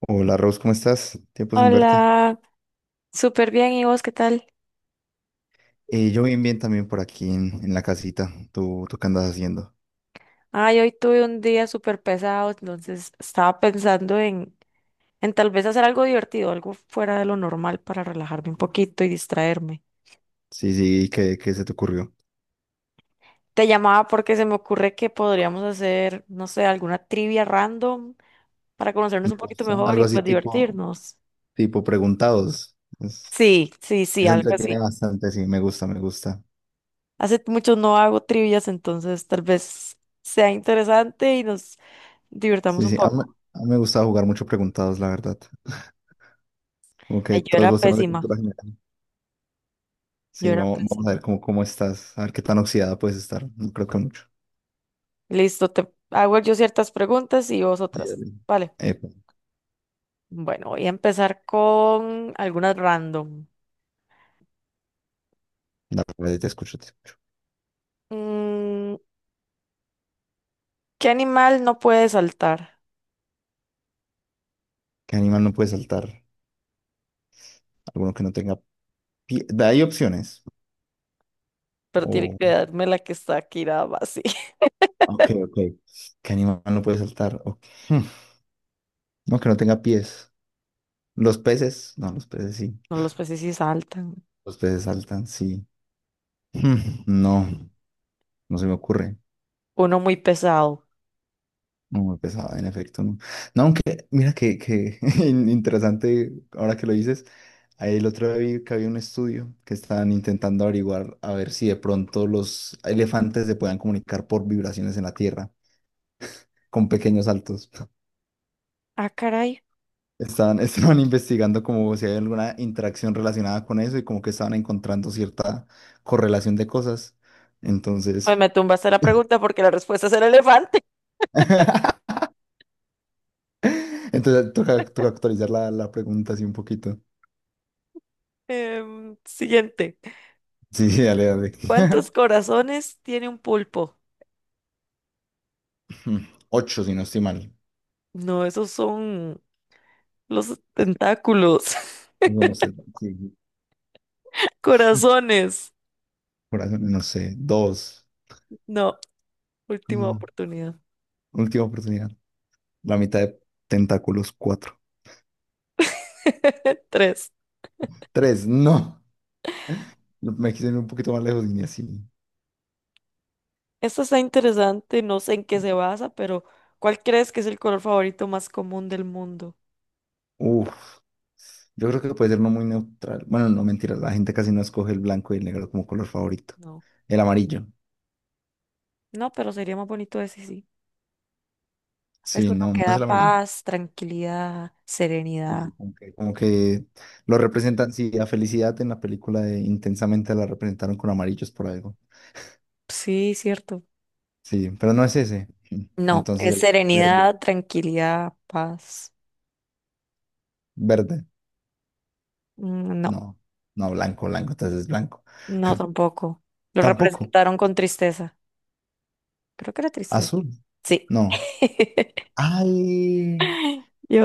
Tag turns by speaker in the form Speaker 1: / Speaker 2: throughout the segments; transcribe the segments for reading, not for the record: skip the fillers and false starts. Speaker 1: Hola Rose, ¿cómo estás? Tiempo sin verte.
Speaker 2: Hola, súper bien. ¿Y vos qué tal?
Speaker 1: Yo bien, bien también por aquí en la casita. ¿Tú, ¿qué andas haciendo?
Speaker 2: Ay, hoy tuve un día súper pesado, entonces estaba pensando en tal vez hacer algo divertido, algo fuera de lo normal para relajarme un poquito y distraerme.
Speaker 1: Sí, sí, ¿qué se te ocurrió?
Speaker 2: Te llamaba porque se me ocurre que podríamos hacer, no sé, alguna trivia random para conocernos
Speaker 1: Me
Speaker 2: un poquito
Speaker 1: gusta.
Speaker 2: mejor y
Speaker 1: Algo así
Speaker 2: pues
Speaker 1: tipo,
Speaker 2: divertirnos.
Speaker 1: tipo preguntados.
Speaker 2: Sí, sí, sí,
Speaker 1: Eso
Speaker 2: algo
Speaker 1: entretiene
Speaker 2: así.
Speaker 1: bastante, sí, me gusta, me gusta.
Speaker 2: Hace mucho no hago trivias, entonces tal vez sea interesante y nos divirtamos
Speaker 1: Sí,
Speaker 2: un
Speaker 1: sí, a mí,
Speaker 2: poco.
Speaker 1: a mí me gusta jugar mucho preguntados, la verdad. Como que
Speaker 2: Ay, yo
Speaker 1: todos
Speaker 2: era
Speaker 1: los temas de
Speaker 2: pésima,
Speaker 1: cultura general.
Speaker 2: yo
Speaker 1: Sí,
Speaker 2: era
Speaker 1: vamos, vamos a ver
Speaker 2: pésima.
Speaker 1: cómo estás, a ver qué tan oxidada puedes estar. No creo que mucho.
Speaker 2: Listo, te hago yo ciertas preguntas y vos
Speaker 1: Sí,
Speaker 2: otras.
Speaker 1: dale.
Speaker 2: Vale.
Speaker 1: Epa,
Speaker 2: Bueno, voy a empezar con algunas random.
Speaker 1: dale, te escucho, te escucho.
Speaker 2: Mm, ¿Qué animal no puede saltar?
Speaker 1: ¿Qué animal no puede saltar? Alguno que no tenga pie. Hay opciones.
Speaker 2: Pero tiene
Speaker 1: Oh,
Speaker 2: que darme la que está aquí nada más. Sí.
Speaker 1: ok, ok. ¿Qué animal no puede saltar? Ok. Hmm, no, que no tenga pies. Los peces, no, los peces sí.
Speaker 2: No, los peces sí saltan.
Speaker 1: Los peces saltan, sí. Hmm, No, no se me ocurre.
Speaker 2: Uno muy pesado.
Speaker 1: No me pesaba, en efecto, no. No, aunque, mira que interesante, ahora que lo dices, ahí el otro día vi que había un estudio que estaban intentando averiguar a ver si de pronto los elefantes se puedan comunicar por vibraciones en la tierra, con pequeños saltos.
Speaker 2: Ah, caray.
Speaker 1: Estaban, estaban investigando como si hay alguna interacción relacionada con eso y como que estaban encontrando cierta correlación de cosas. Entonces,
Speaker 2: Ay, me tumbaste la pregunta porque la respuesta es el elefante.
Speaker 1: entonces toca, toca actualizar la pregunta así un poquito.
Speaker 2: Siguiente.
Speaker 1: Sí, sí, dale, dale.
Speaker 2: ¿Cuántos corazones tiene un pulpo?
Speaker 1: Ocho, si no estoy mal.
Speaker 2: No, esos son los tentáculos.
Speaker 1: No, no sé. Sí, sí.
Speaker 2: Corazones.
Speaker 1: Corazón, no sé. Dos.
Speaker 2: No. Última
Speaker 1: No.
Speaker 2: oportunidad.
Speaker 1: Última oportunidad. La mitad de tentáculos, cuatro.
Speaker 2: Tres.
Speaker 1: Tres, no. Me quise ir un poquito más lejos y ni así.
Speaker 2: Esta está interesante, no sé en qué se basa, pero ¿cuál crees que es el color favorito más común del mundo?
Speaker 1: Uf, yo creo que puede ser uno muy neutral. Bueno, no mentiras, la gente casi no escoge el blanco y el negro como color favorito.
Speaker 2: No.
Speaker 1: El amarillo,
Speaker 2: No, pero sería más bonito ese sí. Es
Speaker 1: sí,
Speaker 2: uno
Speaker 1: no, no
Speaker 2: que
Speaker 1: es
Speaker 2: da
Speaker 1: el amarillo.
Speaker 2: paz, tranquilidad,
Speaker 1: Sí,
Speaker 2: serenidad.
Speaker 1: sí, como que, como que lo representan, sí, a Felicidad en la película de Intensamente la representaron con amarillos por algo.
Speaker 2: Sí, cierto.
Speaker 1: Sí, pero no es ese.
Speaker 2: No,
Speaker 1: Entonces
Speaker 2: es
Speaker 1: el verde,
Speaker 2: serenidad, tranquilidad, paz.
Speaker 1: verde,
Speaker 2: Mm, No,
Speaker 1: no, no, blanco, blanco, entonces es blanco.
Speaker 2: no tampoco. Lo
Speaker 1: Tampoco,
Speaker 2: representaron con tristeza. Creo que era tristeza.
Speaker 1: azul,
Speaker 2: Sí.
Speaker 1: no. Ay,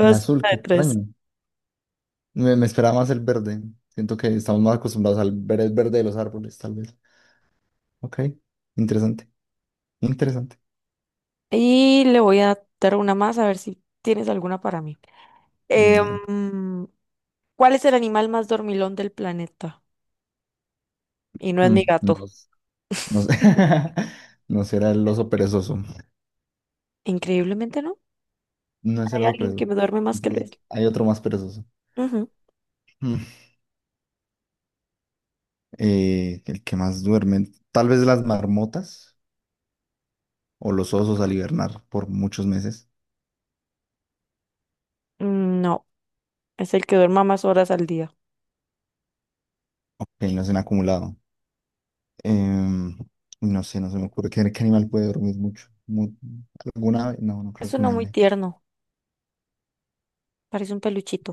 Speaker 1: el azul,
Speaker 2: una
Speaker 1: qué
Speaker 2: de tres.
Speaker 1: extraño. Me esperaba más el verde. Siento que estamos más acostumbrados al ver el verde de los árboles, tal vez. Ok, interesante, interesante.
Speaker 2: Y le voy a dar una más a ver si tienes alguna para mí.
Speaker 1: Dale.
Speaker 2: Em, ¿Cuál es el animal más dormilón del planeta? Y no es
Speaker 1: Mm,
Speaker 2: mi gato.
Speaker 1: no, no sé. No será el oso perezoso.
Speaker 2: Increíblemente no.
Speaker 1: No es el
Speaker 2: Hay
Speaker 1: oso
Speaker 2: alguien que
Speaker 1: perezoso.
Speaker 2: me duerme más que Luis.
Speaker 1: Entonces, hay otro más perezoso.
Speaker 2: Ujú.
Speaker 1: Mm. El que más duerme. Tal vez las marmotas o los osos al hibernar por muchos meses.
Speaker 2: No, es el que duerma más horas al día.
Speaker 1: Ok, no se han acumulado. Em, no sé, no se me ocurre qué animal puede dormir mucho. ¿Alguna ave? No, no creo
Speaker 2: Es
Speaker 1: que
Speaker 2: uno
Speaker 1: una
Speaker 2: muy
Speaker 1: ave.
Speaker 2: tierno. Parece un peluchito.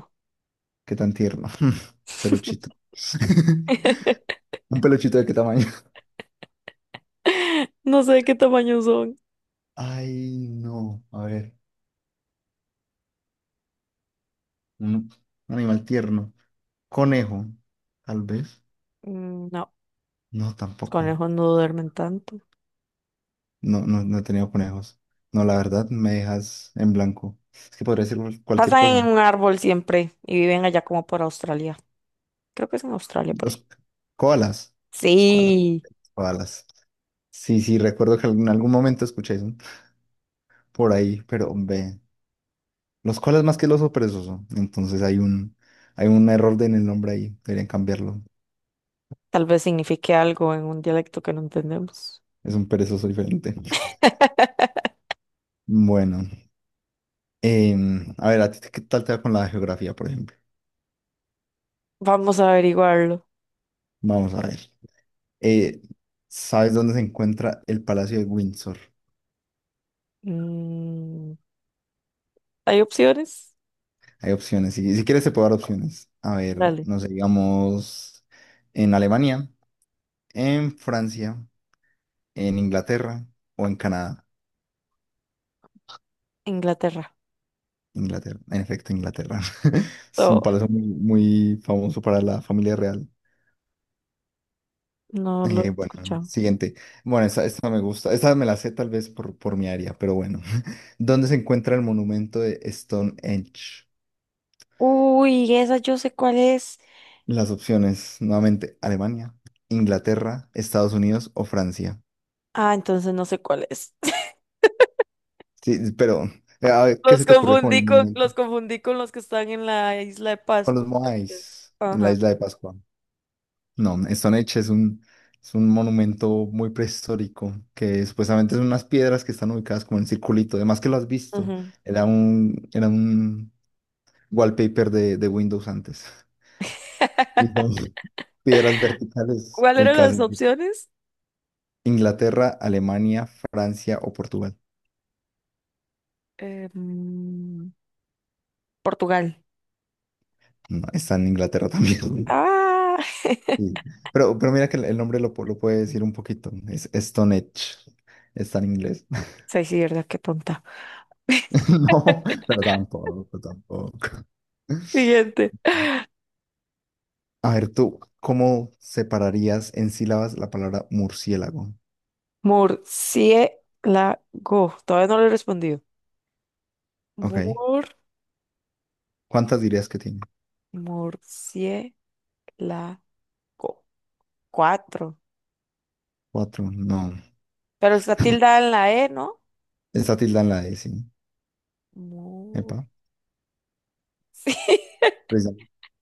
Speaker 1: Qué tan tierno. Peluchito. ¿Un peluchito de qué tamaño?
Speaker 2: No sé de qué tamaño son.
Speaker 1: Ay, no. A ver. Un, un animal tierno. Conejo, tal vez.
Speaker 2: No,
Speaker 1: No,
Speaker 2: los
Speaker 1: tampoco.
Speaker 2: conejos no duermen tanto.
Speaker 1: No, no, no he tenido conejos. No, la verdad, me dejas en blanco. Es que podría decir cualquier
Speaker 2: Pasan en
Speaker 1: cosa.
Speaker 2: un árbol siempre y viven allá como por Australia. Creo que es en Australia por ahí.
Speaker 1: Los koalas. Los koalas.
Speaker 2: Sí.
Speaker 1: Koalas. Sí, sí, recuerdo que en algún momento escuché eso por ahí, pero ve. Los koalas más que el oso perezoso. Entonces hay un error en el nombre ahí. Deberían cambiarlo.
Speaker 2: Tal vez signifique algo en un dialecto que no entendemos.
Speaker 1: Es un perezoso diferente. Bueno, a ver, ¿a ti qué tal te va con la geografía, por ejemplo?
Speaker 2: Vamos a averiguarlo.
Speaker 1: Vamos a ver. Eh, ¿Sabes dónde se encuentra el Palacio de Windsor?
Speaker 2: Mm, ¿hay opciones?
Speaker 1: Hay opciones. Si, si quieres, te puedo dar opciones. A ver,
Speaker 2: Dale.
Speaker 1: no sé, digamos en Alemania, en Francia, en Inglaterra o en Canadá.
Speaker 2: Inglaterra.
Speaker 1: Inglaterra, en efecto, Inglaterra. Es un
Speaker 2: Oh,
Speaker 1: palacio muy, muy famoso para la familia real.
Speaker 2: no lo he
Speaker 1: Bueno,
Speaker 2: escuchado.
Speaker 1: siguiente. Bueno, esta me gusta. Esta me la sé tal vez por mi área, pero bueno. ¿Dónde se encuentra el monumento de Stonehenge?
Speaker 2: Uy, esa yo sé cuál es.
Speaker 1: Las opciones, nuevamente, Alemania, Inglaterra, Estados Unidos o Francia.
Speaker 2: Ah, entonces no sé cuál es.
Speaker 1: Sí, pero a ver, ¿qué se
Speaker 2: Los
Speaker 1: te ocurre con el
Speaker 2: confundí con, los
Speaker 1: monumento?
Speaker 2: confundí con los que están en la isla de
Speaker 1: Con los
Speaker 2: Pascua. Creo que es.
Speaker 1: Moais en la
Speaker 2: Ajá.
Speaker 1: isla de Pascua. No, Stonehenge es un monumento muy prehistórico, que supuestamente son unas piedras que están ubicadas como en circulito, además que lo has visto,
Speaker 2: Ujú.
Speaker 1: era un wallpaper de Windows antes. Y son piedras verticales
Speaker 2: ¿Cuáles eran
Speaker 1: ubicadas
Speaker 2: las
Speaker 1: en
Speaker 2: opciones?
Speaker 1: Inglaterra, Alemania, Francia o Portugal.
Speaker 2: Eh, mm, Portugal.
Speaker 1: No, está en Inglaterra también.
Speaker 2: Ah,
Speaker 1: Sí. Pero mira que el nombre lo, lo puede decir un poquito, es Stonehenge, está en inglés.
Speaker 2: sí, sí, verdad, qué tonta.
Speaker 1: No, pero tampoco, tampoco.
Speaker 2: Siguiente.
Speaker 1: A ver, tú, ¿cómo separarías en sílabas la palabra murciélago?
Speaker 2: Murciélago. Todavía no le he respondido.
Speaker 1: Ok.
Speaker 2: Mur,
Speaker 1: ¿Cuántas dirías que tiene?
Speaker 2: murciélago. Cuatro.
Speaker 1: Cuatro. No.
Speaker 2: Pero está tildada en la E, ¿no?
Speaker 1: Está tilda en la E, sí.
Speaker 2: Mur.
Speaker 1: Epa. Precisa-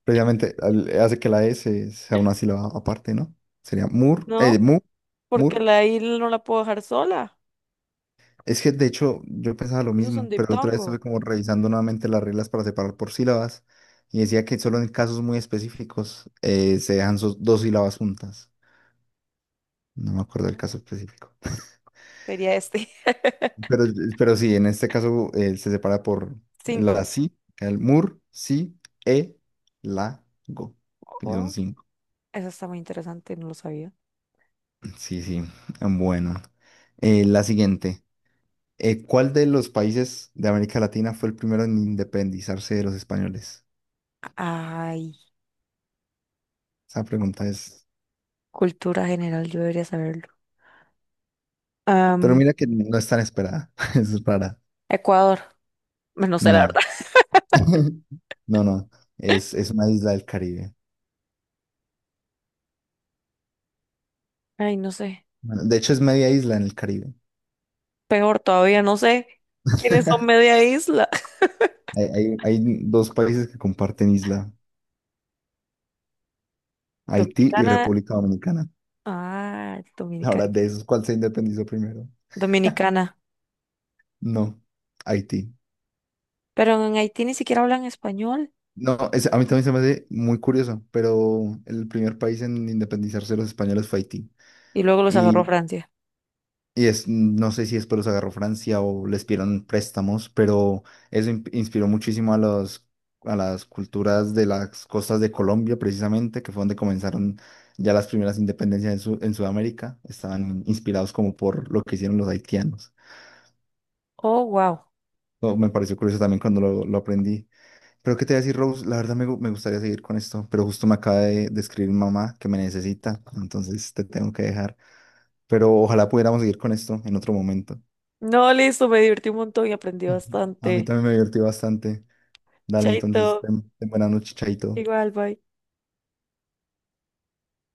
Speaker 1: Precisamente hace que la E sea una sílaba aparte, ¿no? Sería mur,
Speaker 2: No,
Speaker 1: mu,
Speaker 2: porque
Speaker 1: mur.
Speaker 2: la I no la puedo dejar sola.
Speaker 1: Es que de hecho yo pensaba lo
Speaker 2: Eso es un
Speaker 1: mismo, pero la otra vez estuve
Speaker 2: diptongo.
Speaker 1: como revisando nuevamente las reglas para separar por sílabas y decía que solo en casos muy específicos se dejan sus dos sílabas juntas. No me acuerdo del caso
Speaker 2: Oh,
Speaker 1: específico.
Speaker 2: sería este.
Speaker 1: Pero, pero sí, en este caso se separa por
Speaker 2: Cinco.
Speaker 1: la si, el mur, si, e, la, go. Y son
Speaker 2: Oh,
Speaker 1: cinco.
Speaker 2: eso está muy interesante, no lo sabía.
Speaker 1: Sí, sí. Bueno. La siguiente. ¿Cuál de los países de América Latina fue el primero en independizarse de los españoles?
Speaker 2: Ay,
Speaker 1: Esa pregunta es...
Speaker 2: cultura general, yo debería saberlo.
Speaker 1: Pero
Speaker 2: Am,
Speaker 1: mira que no es tan esperada. Es rara.
Speaker 2: Ecuador. Bueno, no sé, la
Speaker 1: No.
Speaker 2: verdad.
Speaker 1: No, no. Es una isla del Caribe.
Speaker 2: Ay, no sé.
Speaker 1: Bueno, de hecho, es media isla en el Caribe.
Speaker 2: Peor todavía, no sé quiénes son media isla.
Speaker 1: Hay dos países que comparten isla. Haití y
Speaker 2: Dominicana.
Speaker 1: República Dominicana.
Speaker 2: Ah,
Speaker 1: Ahora,
Speaker 2: dominicana.
Speaker 1: de esos, ¿cuál se independizó primero?
Speaker 2: Dominicana.
Speaker 1: No, Haití.
Speaker 2: Pero en Haití ni siquiera hablan español.
Speaker 1: No, a mí también se me hace muy curioso, pero el primer país en independizarse de los españoles fue Haití.
Speaker 2: Y luego los agarró
Speaker 1: Y,
Speaker 2: Francia.
Speaker 1: y es, no sé si después los agarró Francia o les pidieron préstamos, pero eso inspiró muchísimo a a las culturas de las costas de Colombia, precisamente, que fue donde comenzaron ya las primeras independencias en, en Sudamérica. Estaban inspirados como por lo que hicieron los haitianos.
Speaker 2: Oh, wow.
Speaker 1: Oh, me pareció curioso también cuando lo aprendí. Pero qué te voy a decir, Rose, la verdad me gustaría seguir con esto, pero justo me acaba de escribir mamá que me necesita, entonces te tengo que dejar. Pero ojalá pudiéramos seguir con esto en otro momento.
Speaker 2: No, listo, me divertí un montón y aprendí
Speaker 1: Ujú. A mí
Speaker 2: bastante.
Speaker 1: también me divertí bastante. Dale,
Speaker 2: Chaito.
Speaker 1: entonces, ten, ten buena noche, chaito.
Speaker 2: Igual, bye.